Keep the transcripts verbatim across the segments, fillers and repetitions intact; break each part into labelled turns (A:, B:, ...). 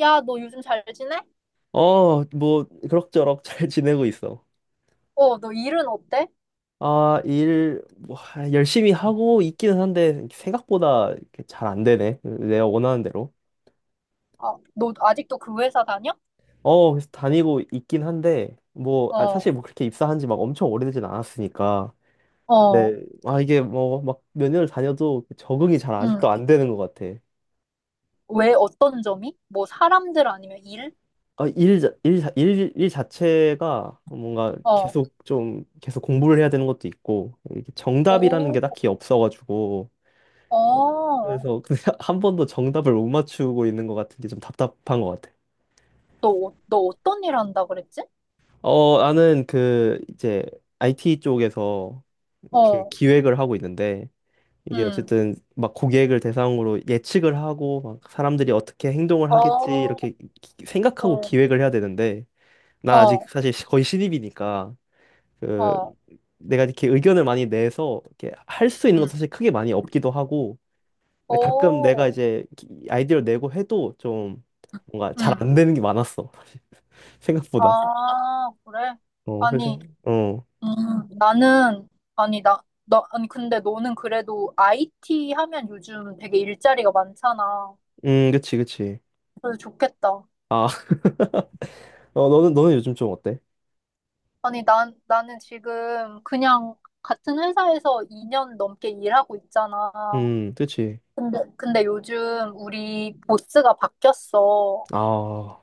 A: 야, 너 요즘 잘 지내?
B: 어, 뭐, 그럭저럭 잘 지내고 있어.
A: 어, 너 일은 어때?
B: 아, 일, 뭐, 하, 열심히 하고 있기는 한데, 생각보다 잘 안 되네. 내가 원하는 대로.
A: 아, 너 아직도 그 회사 다녀?
B: 어, 그래서 다니고 있긴 한데, 뭐, 아,
A: 어,
B: 사실 뭐 그렇게 입사한 지 막 엄청 오래되진 않았으니까. 네,
A: 어,
B: 아, 이게 뭐, 막 몇 년을 다녀도 적응이 잘 아직도
A: 응.
B: 안 되는 것 같아.
A: 왜 어떤 점이? 뭐 사람들 아니면 일?
B: 아, 일, 자- 일, 자- 일, 일 자체가 뭔가
A: 어,
B: 계속 좀, 계속 공부를 해야 되는 것도 있고, 이게 정답이라는
A: 오,
B: 게 딱히 없어가지고,
A: 어.
B: 그래서 근데 한 번도 정답을 못 맞추고 있는 것 같은 게 좀 답답한 것 같아.
A: 너, 어- 너 어떤 일 한다 그랬지?
B: 어, 나는 그 이제 아이티 쪽에서 그
A: 어,
B: 기획을 하고 있는데, 이게
A: 응.
B: 어쨌든 막 고객을 대상으로 예측을 하고 막 사람들이 어떻게 행동을 하겠지
A: 어,
B: 이렇게 기- 생각하고
A: 어,
B: 기획을 해야 되는데, 난 아직
A: 어,
B: 사실 시- 거의 신입이니까 그
A: 어,
B: 내가 이렇게 의견을 많이 내서 이렇게 할 수 있는 것도
A: 응.
B: 사실 크게 많이 없기도 하고, 근데 가끔
A: 오,
B: 내가 이제 아이디어를 내고 해도 좀 뭔가 잘
A: 응.
B: 안 되는 게 많았어. 생각보다.
A: 아, 그래?
B: 어, 그래서,
A: 아니,
B: 어.
A: 음, 나는, 아니, 나, 나, 아니, 근데 너는 그래도 아이티 하면 요즘 되게 일자리가 많잖아.
B: 음, 그치, 그치.
A: 그래서 좋겠다.
B: 아, 어, 너는, 너는 요즘 좀 어때?
A: 아니, 난, 나는 지금 그냥 같은 회사에서 이 년 넘게 일하고 있잖아.
B: 음, 그치.
A: 근데, 근데 요즘 우리 보스가 바뀌었어.
B: 아,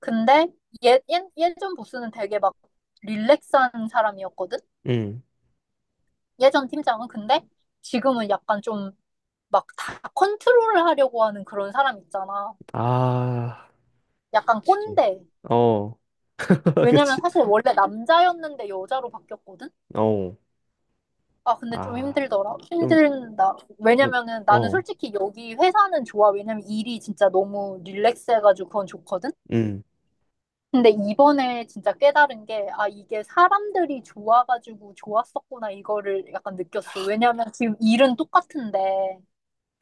A: 근데 예, 예, 예전 보스는 되게 막 릴렉스한 사람이었거든?
B: 음.
A: 예전 팀장은. 근데 지금은 약간 좀 막 다 컨트롤을 하려고 하는 그런 사람 있잖아.
B: 아,
A: 약간
B: 그치.
A: 꼰대.
B: 어,
A: 왜냐면
B: 그치.
A: 사실 원래 남자였는데 여자로 바뀌었거든?
B: 어,
A: 아, 근데 좀
B: 아,
A: 힘들더라.
B: 좀,
A: 힘들다.
B: 좀,
A: 왜냐면은 나는
B: 어,
A: 솔직히 여기 회사는 좋아. 왜냐면 일이 진짜 너무 릴렉스해가지고 그건 좋거든?
B: 음,
A: 근데 이번에 진짜 깨달은 게, 아, 이게 사람들이 좋아가지고 좋았었구나, 이거를 약간 느꼈어. 왜냐면 지금 일은 똑같은데,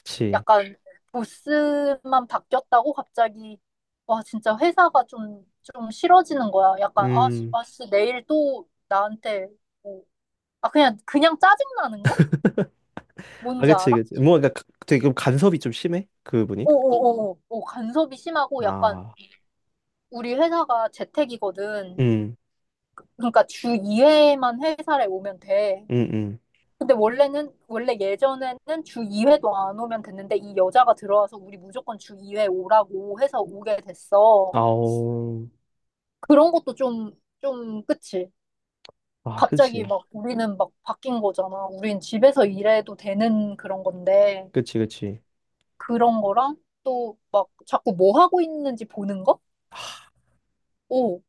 B: 그치.
A: 약간 보스만 바뀌었다고 갑자기 와 진짜 회사가 좀 좀 싫어지는 거야. 약간 아씨
B: 음,
A: 아씨 내일 또 나한테 뭐, 아 그냥 그냥 짜증 나는 거?
B: 아,
A: 뭔지
B: 그치,
A: 알아?
B: 그치. 뭔가 가- 되게 그럼 간섭이 좀 심해? 그분이?
A: 오오오오 오, 간섭이 심하고 약간
B: 아,
A: 우리 회사가 재택이거든.
B: 음,
A: 그러니까 주 이 회만 회사를 오면 돼.
B: 음, 음.
A: 근데 원래는 원래 예전에는 주 이 회도 안 오면 됐는데 이 여자가 들어와서 우리 무조건 주 이 회 오라고 해서 오게 됐어.
B: 아오.
A: 그런 것도 좀, 좀, 그치?
B: 아,
A: 갑자기
B: 그치.
A: 막 우리는 막 바뀐 거잖아. 우린 집에서 일해도 되는 그런 건데,
B: 그치, 그치.
A: 그런 거랑 또 막 자꾸 뭐 하고 있는지 보는 거? 오,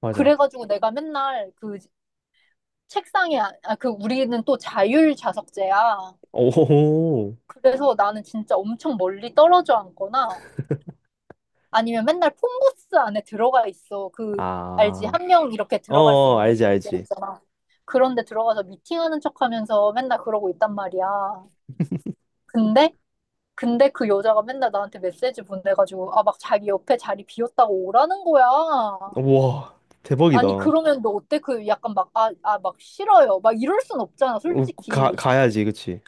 B: 맞아.
A: 그래가지고 내가 맨날 그 책상에, 아, 아, 그 우리는 또 자율 좌석제야.
B: 오,
A: 그래서 나는 진짜 엄청 멀리 떨어져 앉거나 아니면 맨날 폰부스 안에 들어가 있어. 그, 알지?
B: 아,
A: 한 명 이렇게
B: 어,
A: 들어갈 수
B: 어,
A: 있는
B: 알지,
A: 데
B: 알지.
A: 있잖아. 그런데 들어가서 미팅하는 척 하면서 맨날 그러고 있단 말이야. 근데, 근데 그 여자가 맨날 나한테 메시지 보내가지고, 아, 막 자기 옆에 자리 비었다고 오라는 거야.
B: 우와, 대박이다.
A: 아니,
B: 우,
A: 그러면 너 어때? 그 약간 막, 아, 아, 막 싫어요. 막 이럴 순 없잖아,
B: 가,
A: 솔직히.
B: 가야지, 그치.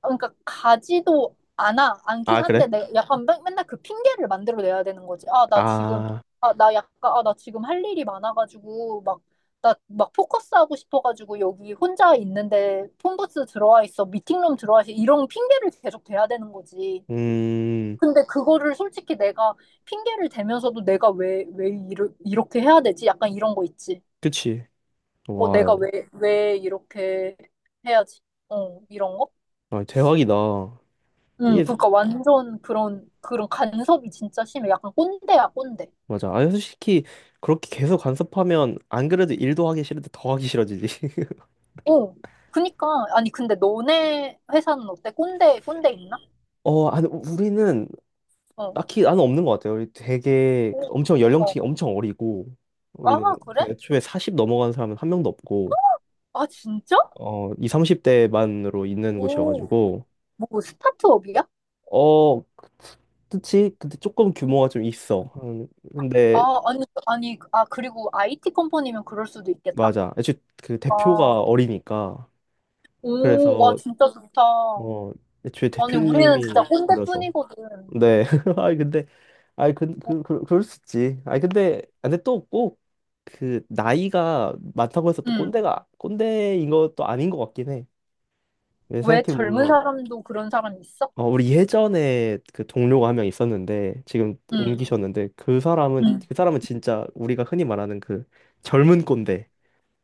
A: 그러니까 가지도 않아 않긴
B: 아,
A: 한데
B: 그래?
A: 내가 약간 맨- 맨날 그 핑계를 만들어 내야 되는 거지. 아, 나 지금
B: 아,
A: 아, 나 약간 아, 나 지금 할 일이 많아가지고 막 나 막 포커스 하고 싶어가지고 여기 혼자 있는데 폰부스 들어와 있어 미팅룸 들어와 있어 이런 핑계를 계속 대야 되는 거지.
B: 음,
A: 근데 그거를 솔직히 내가 핑계를 대면서도 내가 왜 왜 이르, 이렇게 해야 되지? 약간 이런 거 있지.
B: 그치.
A: 어,
B: 와,
A: 내가 왜 왜 이렇게 해야지? 어, 이런 거?
B: 아, 대박이다.
A: 응,
B: 이게,
A: 그러니까 완전 그런, 그런 간섭이 진짜 심해. 약간 꼰대야, 꼰대.
B: 맞아. 아, 솔직히, 그렇게 계속 간섭하면, 안 그래도 일도 하기 싫은데 더 하기 싫어지지.
A: 어, 그니까, 아니, 근데 너네 회사는 어때? 꼰대, 꼰대 있나?
B: 어, 아니, 우리는
A: 어,
B: 딱히 나는 없는 것 같아요. 우리 되게 엄청
A: 어,
B: 연령층이 엄청 어리고,
A: 아,
B: 우리는
A: 그래?
B: 애초에 사십 넘어간 사람은 한 명도 없고,
A: 아, 진짜?
B: 어, 이 삼십 대만으로 있는
A: 오,
B: 곳이어가지고,
A: 뭐, 스타트업이야?
B: 어, 그- 그치? 근데 조금 규모가 좀 있어. 음, 근데
A: 아, 아니, 아니, 아, 그리고 아이티 컴퍼니면 그럴 수도 있겠다.
B: 맞아. 애초에 그
A: 아,
B: 대표가 어리니까,
A: 오, 와,
B: 그래서
A: 진짜 좋다.
B: 어, 애초에
A: 아니, 우리는 진짜
B: 대표님이 어려서.
A: 꼰대뿐이거든.
B: 네. 아이 근데 아이 그,
A: 어,
B: 그, 그 그럴 수 있지. 아이 근데 아, 근데 또 꼭 그 나이가 많다고 해서 또
A: 응,
B: 꼰대가 꼰대인 것도 아닌 것 같긴 해.
A: 왜
B: 생각해
A: 젊은
B: 보면
A: 사람도 그런 사람 있어?
B: 어, 우리 예전에 그 동료가 한 명 있었는데 지금
A: 응,
B: 옮기셨는데, 그 사람은
A: 응.
B: 그 사람은 진짜 우리가 흔히 말하는 그 젊은 꼰대.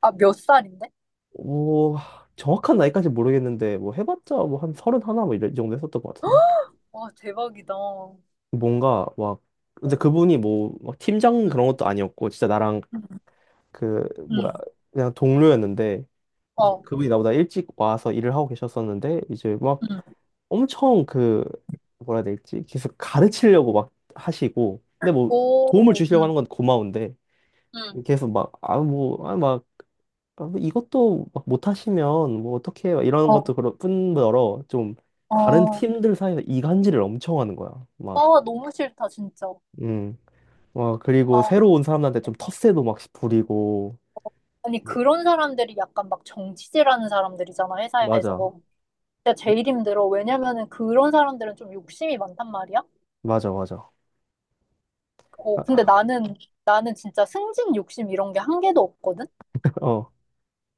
A: 아, 몇 살인데?
B: 오, 정확한 나이까지 모르겠는데 뭐 해봤자 뭐 한 서른 하나 뭐 이런 이 정도 했었던 것 같은데,
A: 와, 대박이다. 어,
B: 뭔가 막 근데
A: 응,
B: 그분이 뭐 막 팀장 그런 것도 아니었고, 진짜 나랑
A: 응.
B: 그 뭐야
A: 응.
B: 그냥 동료였는데, 이제
A: 어,
B: 그분이 나보다 일찍 와서 일을 하고 계셨었는데, 이제 막
A: 응,
B: 엄청 그 뭐라 해야 될지 계속 가르치려고 막 하시고, 근데 뭐 도움을
A: 오,
B: 주시려고
A: 응,
B: 하는 건 고마운데
A: 응,
B: 계속 막 아 뭐아막 이것도 막 못하시면 뭐 어떻게 막 이러는
A: 어,
B: 것도 그런 뿐더러, 좀 다른
A: 어.
B: 팀들 사이에서 이간질을 엄청 하는 거야
A: 아,
B: 막.
A: 너무 싫다, 진짜.
B: 음, 와, 그리고
A: 아,
B: 새로 온 사람들한테 좀 텃세도 막 부리고
A: 아니,
B: 뭐.
A: 그런 사람들이 약간 막 정치질하는 사람들이잖아,
B: 맞아,
A: 회사에서. 진짜 제일 힘들어. 왜냐면은 그런 사람들은 좀 욕심이 많단 말이야.
B: 맞아, 맞아.
A: 어, 근데
B: 아,
A: 나는, 나는 진짜 승진 욕심 이런 게 한 개도 없거든?
B: 어,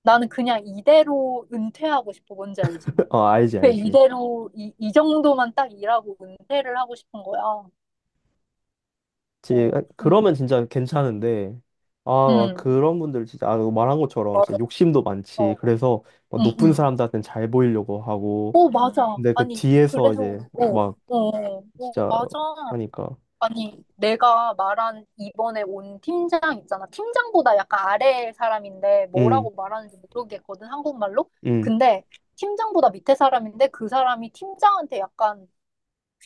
A: 나는 그냥 이대로 은퇴하고 싶어, 뭔지 알지?
B: 어, 알지,
A: 그
B: 알지.
A: 이대로, 이, 이 정도만 딱 일하고 은퇴를 하고 싶은 거야.
B: 지,
A: 어, 근,
B: 그러면 진짜 괜찮은데, 아, 와,
A: 음,
B: 그런 분들 진짜, 아, 말한 것처럼 진짜
A: 맞아.
B: 욕심도 많지.
A: 어,
B: 그래서 막
A: 응,
B: 높은
A: 응.
B: 사람들한테는 잘 보이려고 하고,
A: 어, 맞아.
B: 근데 그
A: 아니,
B: 뒤에서
A: 그래서,
B: 이제
A: 어,
B: 막
A: 어, 어,
B: 진짜
A: 맞아.
B: 하니까,
A: 아니, 내가 말한 이번에 온 팀장 있잖아. 팀장보다 약간 아래 사람인데
B: 음,
A: 뭐라고 말하는지 모르겠거든, 한국말로.
B: 음,
A: 근데 팀장보다 밑에 사람인데 그 사람이 팀장한테 약간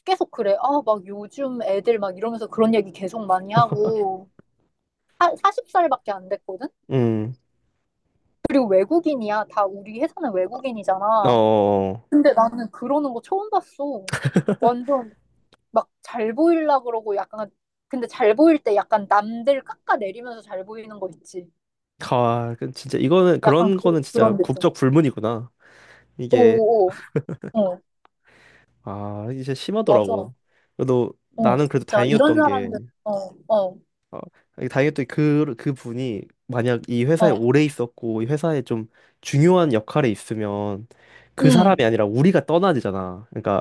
A: 계속 그래. 아, 막 요즘 애들 막 이러면서 그런 얘기 계속 많이 하고. 사, 마흔 살밖에 안 됐거든?
B: 음,
A: 그리고 외국인이야. 다 우리 회사는
B: 어,
A: 외국인이잖아.
B: 어, 어.
A: 근데 나는 그러는 거 처음 봤어. 완전 막 잘 보일라 그러고 약간 근데 잘 보일 때 약간 남들 깎아내리면서 잘 보이는 거 있지.
B: 아, 그 진짜 이거는,
A: 약간
B: 그런 거는
A: 그,
B: 진짜
A: 그런 느낌.
B: 국적 불문이구나. 이게,
A: 오오오. 어, 어. 어,
B: 아, 이제 심하더라고.
A: 맞아.
B: 그래도
A: 어,
B: 나는 그래도
A: 진짜 이런
B: 다행이었던 게,
A: 사람들. 어, 어,
B: 어, 아, 다행히 또 그, 그 분이 만약 이 회사에
A: 어.
B: 오래 있었고 이 회사에 좀 중요한 역할에 있으면, 그 사람이
A: 음.
B: 아니라 우리가 떠나야 되잖아. 그러니까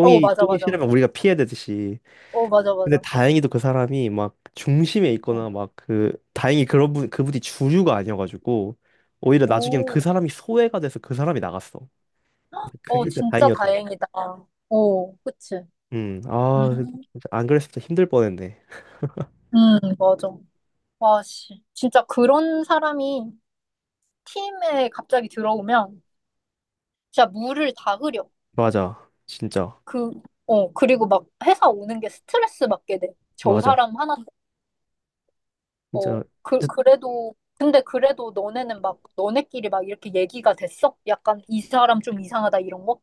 A: 어, 맞아,
B: 똥이
A: 맞아.
B: 싫으면 우리가 피해야 되듯이.
A: 어, 맞아,
B: 근데
A: 맞아.
B: 다행히도 그 사람이 막 중심에
A: 어.
B: 있거나 막 그 다행히 그런 분 그분이 주류가 아니어가지고 오히려 나중엔
A: 오,
B: 그 사람이 소외가 돼서 그 사람이 나갔어. 그게
A: 어,
B: 진짜
A: 진짜
B: 다행이었던 거.
A: 다행이다. 오, 그치.
B: 음, 아,
A: 음,
B: 안 그랬으면 진짜 힘들 뻔했네.
A: 음, 맞아. 와, 씨. 진짜 그런 사람이 팀에 갑자기 들어오면 진짜 물을 다 흐려.
B: 맞아, 진짜.
A: 그, 어, 그리고 막 회사 오는 게 스트레스 받게 돼. 저
B: 맞아,
A: 사람 하나,
B: 진짜.
A: 어, 그, 그래도, 근데 그래도 너네는 막, 너네끼리 막 이렇게 얘기가 됐어? 약간 이 사람 좀 이상하다 이런 거?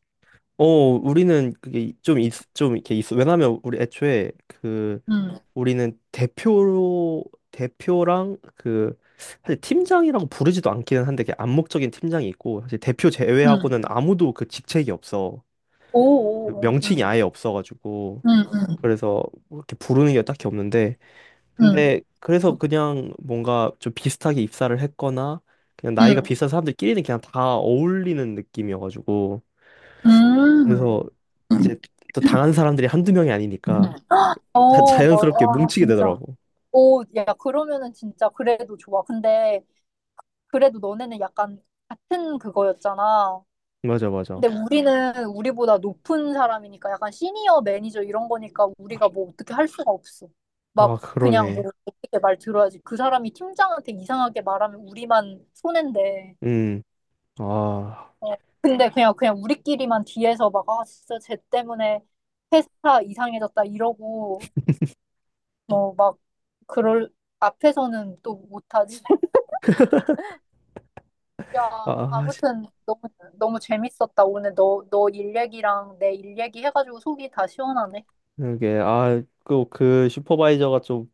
B: 어, 우리는 그게 좀 있, 좀 이렇게 있어. 왜냐면 우리 애초에 그
A: 응,
B: 우리는 대표로 대표랑 그 사실 팀장이라고 부르지도 않기는 한데, 그게 암묵적인 팀장이 있고 사실 대표
A: 응.
B: 제외하고는 아무도 그 직책이 없어.
A: 오,
B: 그
A: 오,
B: 명칭이
A: 응,
B: 아예 없어가지고
A: 응, 응,
B: 그래서 뭐 이렇게 부르는 게 딱히 없는데,
A: 응,
B: 근데 그래서 그냥 뭔가 좀 비슷하게 입사를 했거나 그냥 나이가
A: 응.
B: 비슷한 사람들끼리는 그냥 다 어울리는 느낌이어가지고, 그래서 이제
A: 음.
B: 또 당한 사람들이 한두 명이 아니니까 자,
A: 어, 뭐,
B: 자연스럽게
A: 아,
B: 뭉치게
A: 진짜.
B: 되더라고.
A: 오, 야, 그러면은 진짜 그래도 좋아. 근데 그래도 너네는 약간 같은 그거였잖아.
B: 맞아,
A: 근데
B: 맞아.
A: 우리는 우리보다 높은 사람이니까 약간 시니어 매니저 이런 거니까 우리가 뭐 어떻게 할 수가 없어. 막
B: 아,
A: 그냥 뭐
B: 그러네.
A: 어떻게 말 들어야지. 그 사람이 팀장한테 이상하게 말하면 우리만 손해인데.
B: 음. 아,
A: 어, 근데 그냥 그냥 우리끼리만 뒤에서 막 아 진짜 쟤 때문에 회사 이상해졌다 이러고 뭐 막 그럴 앞에서는 또 못하지.
B: 아,
A: 야,
B: 아, 진-
A: 아무튼 너무 너무 재밌었다. 오늘 너 너 일 얘기랑 내 일 얘기 해가지고 속이 다 시원하네.
B: 이게, 아, 그, 그 슈퍼바이저가 좀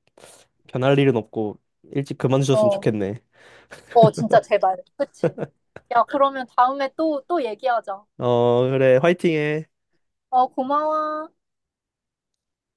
B: 변할 일은 없고 일찍 그만두셨으면
A: 어.
B: 좋겠네.
A: 어, 진짜 제발. 그치? 야, 그러면 다음에 또, 또 얘기하자.
B: 어, 그래, 화이팅해.
A: 어, 고마워.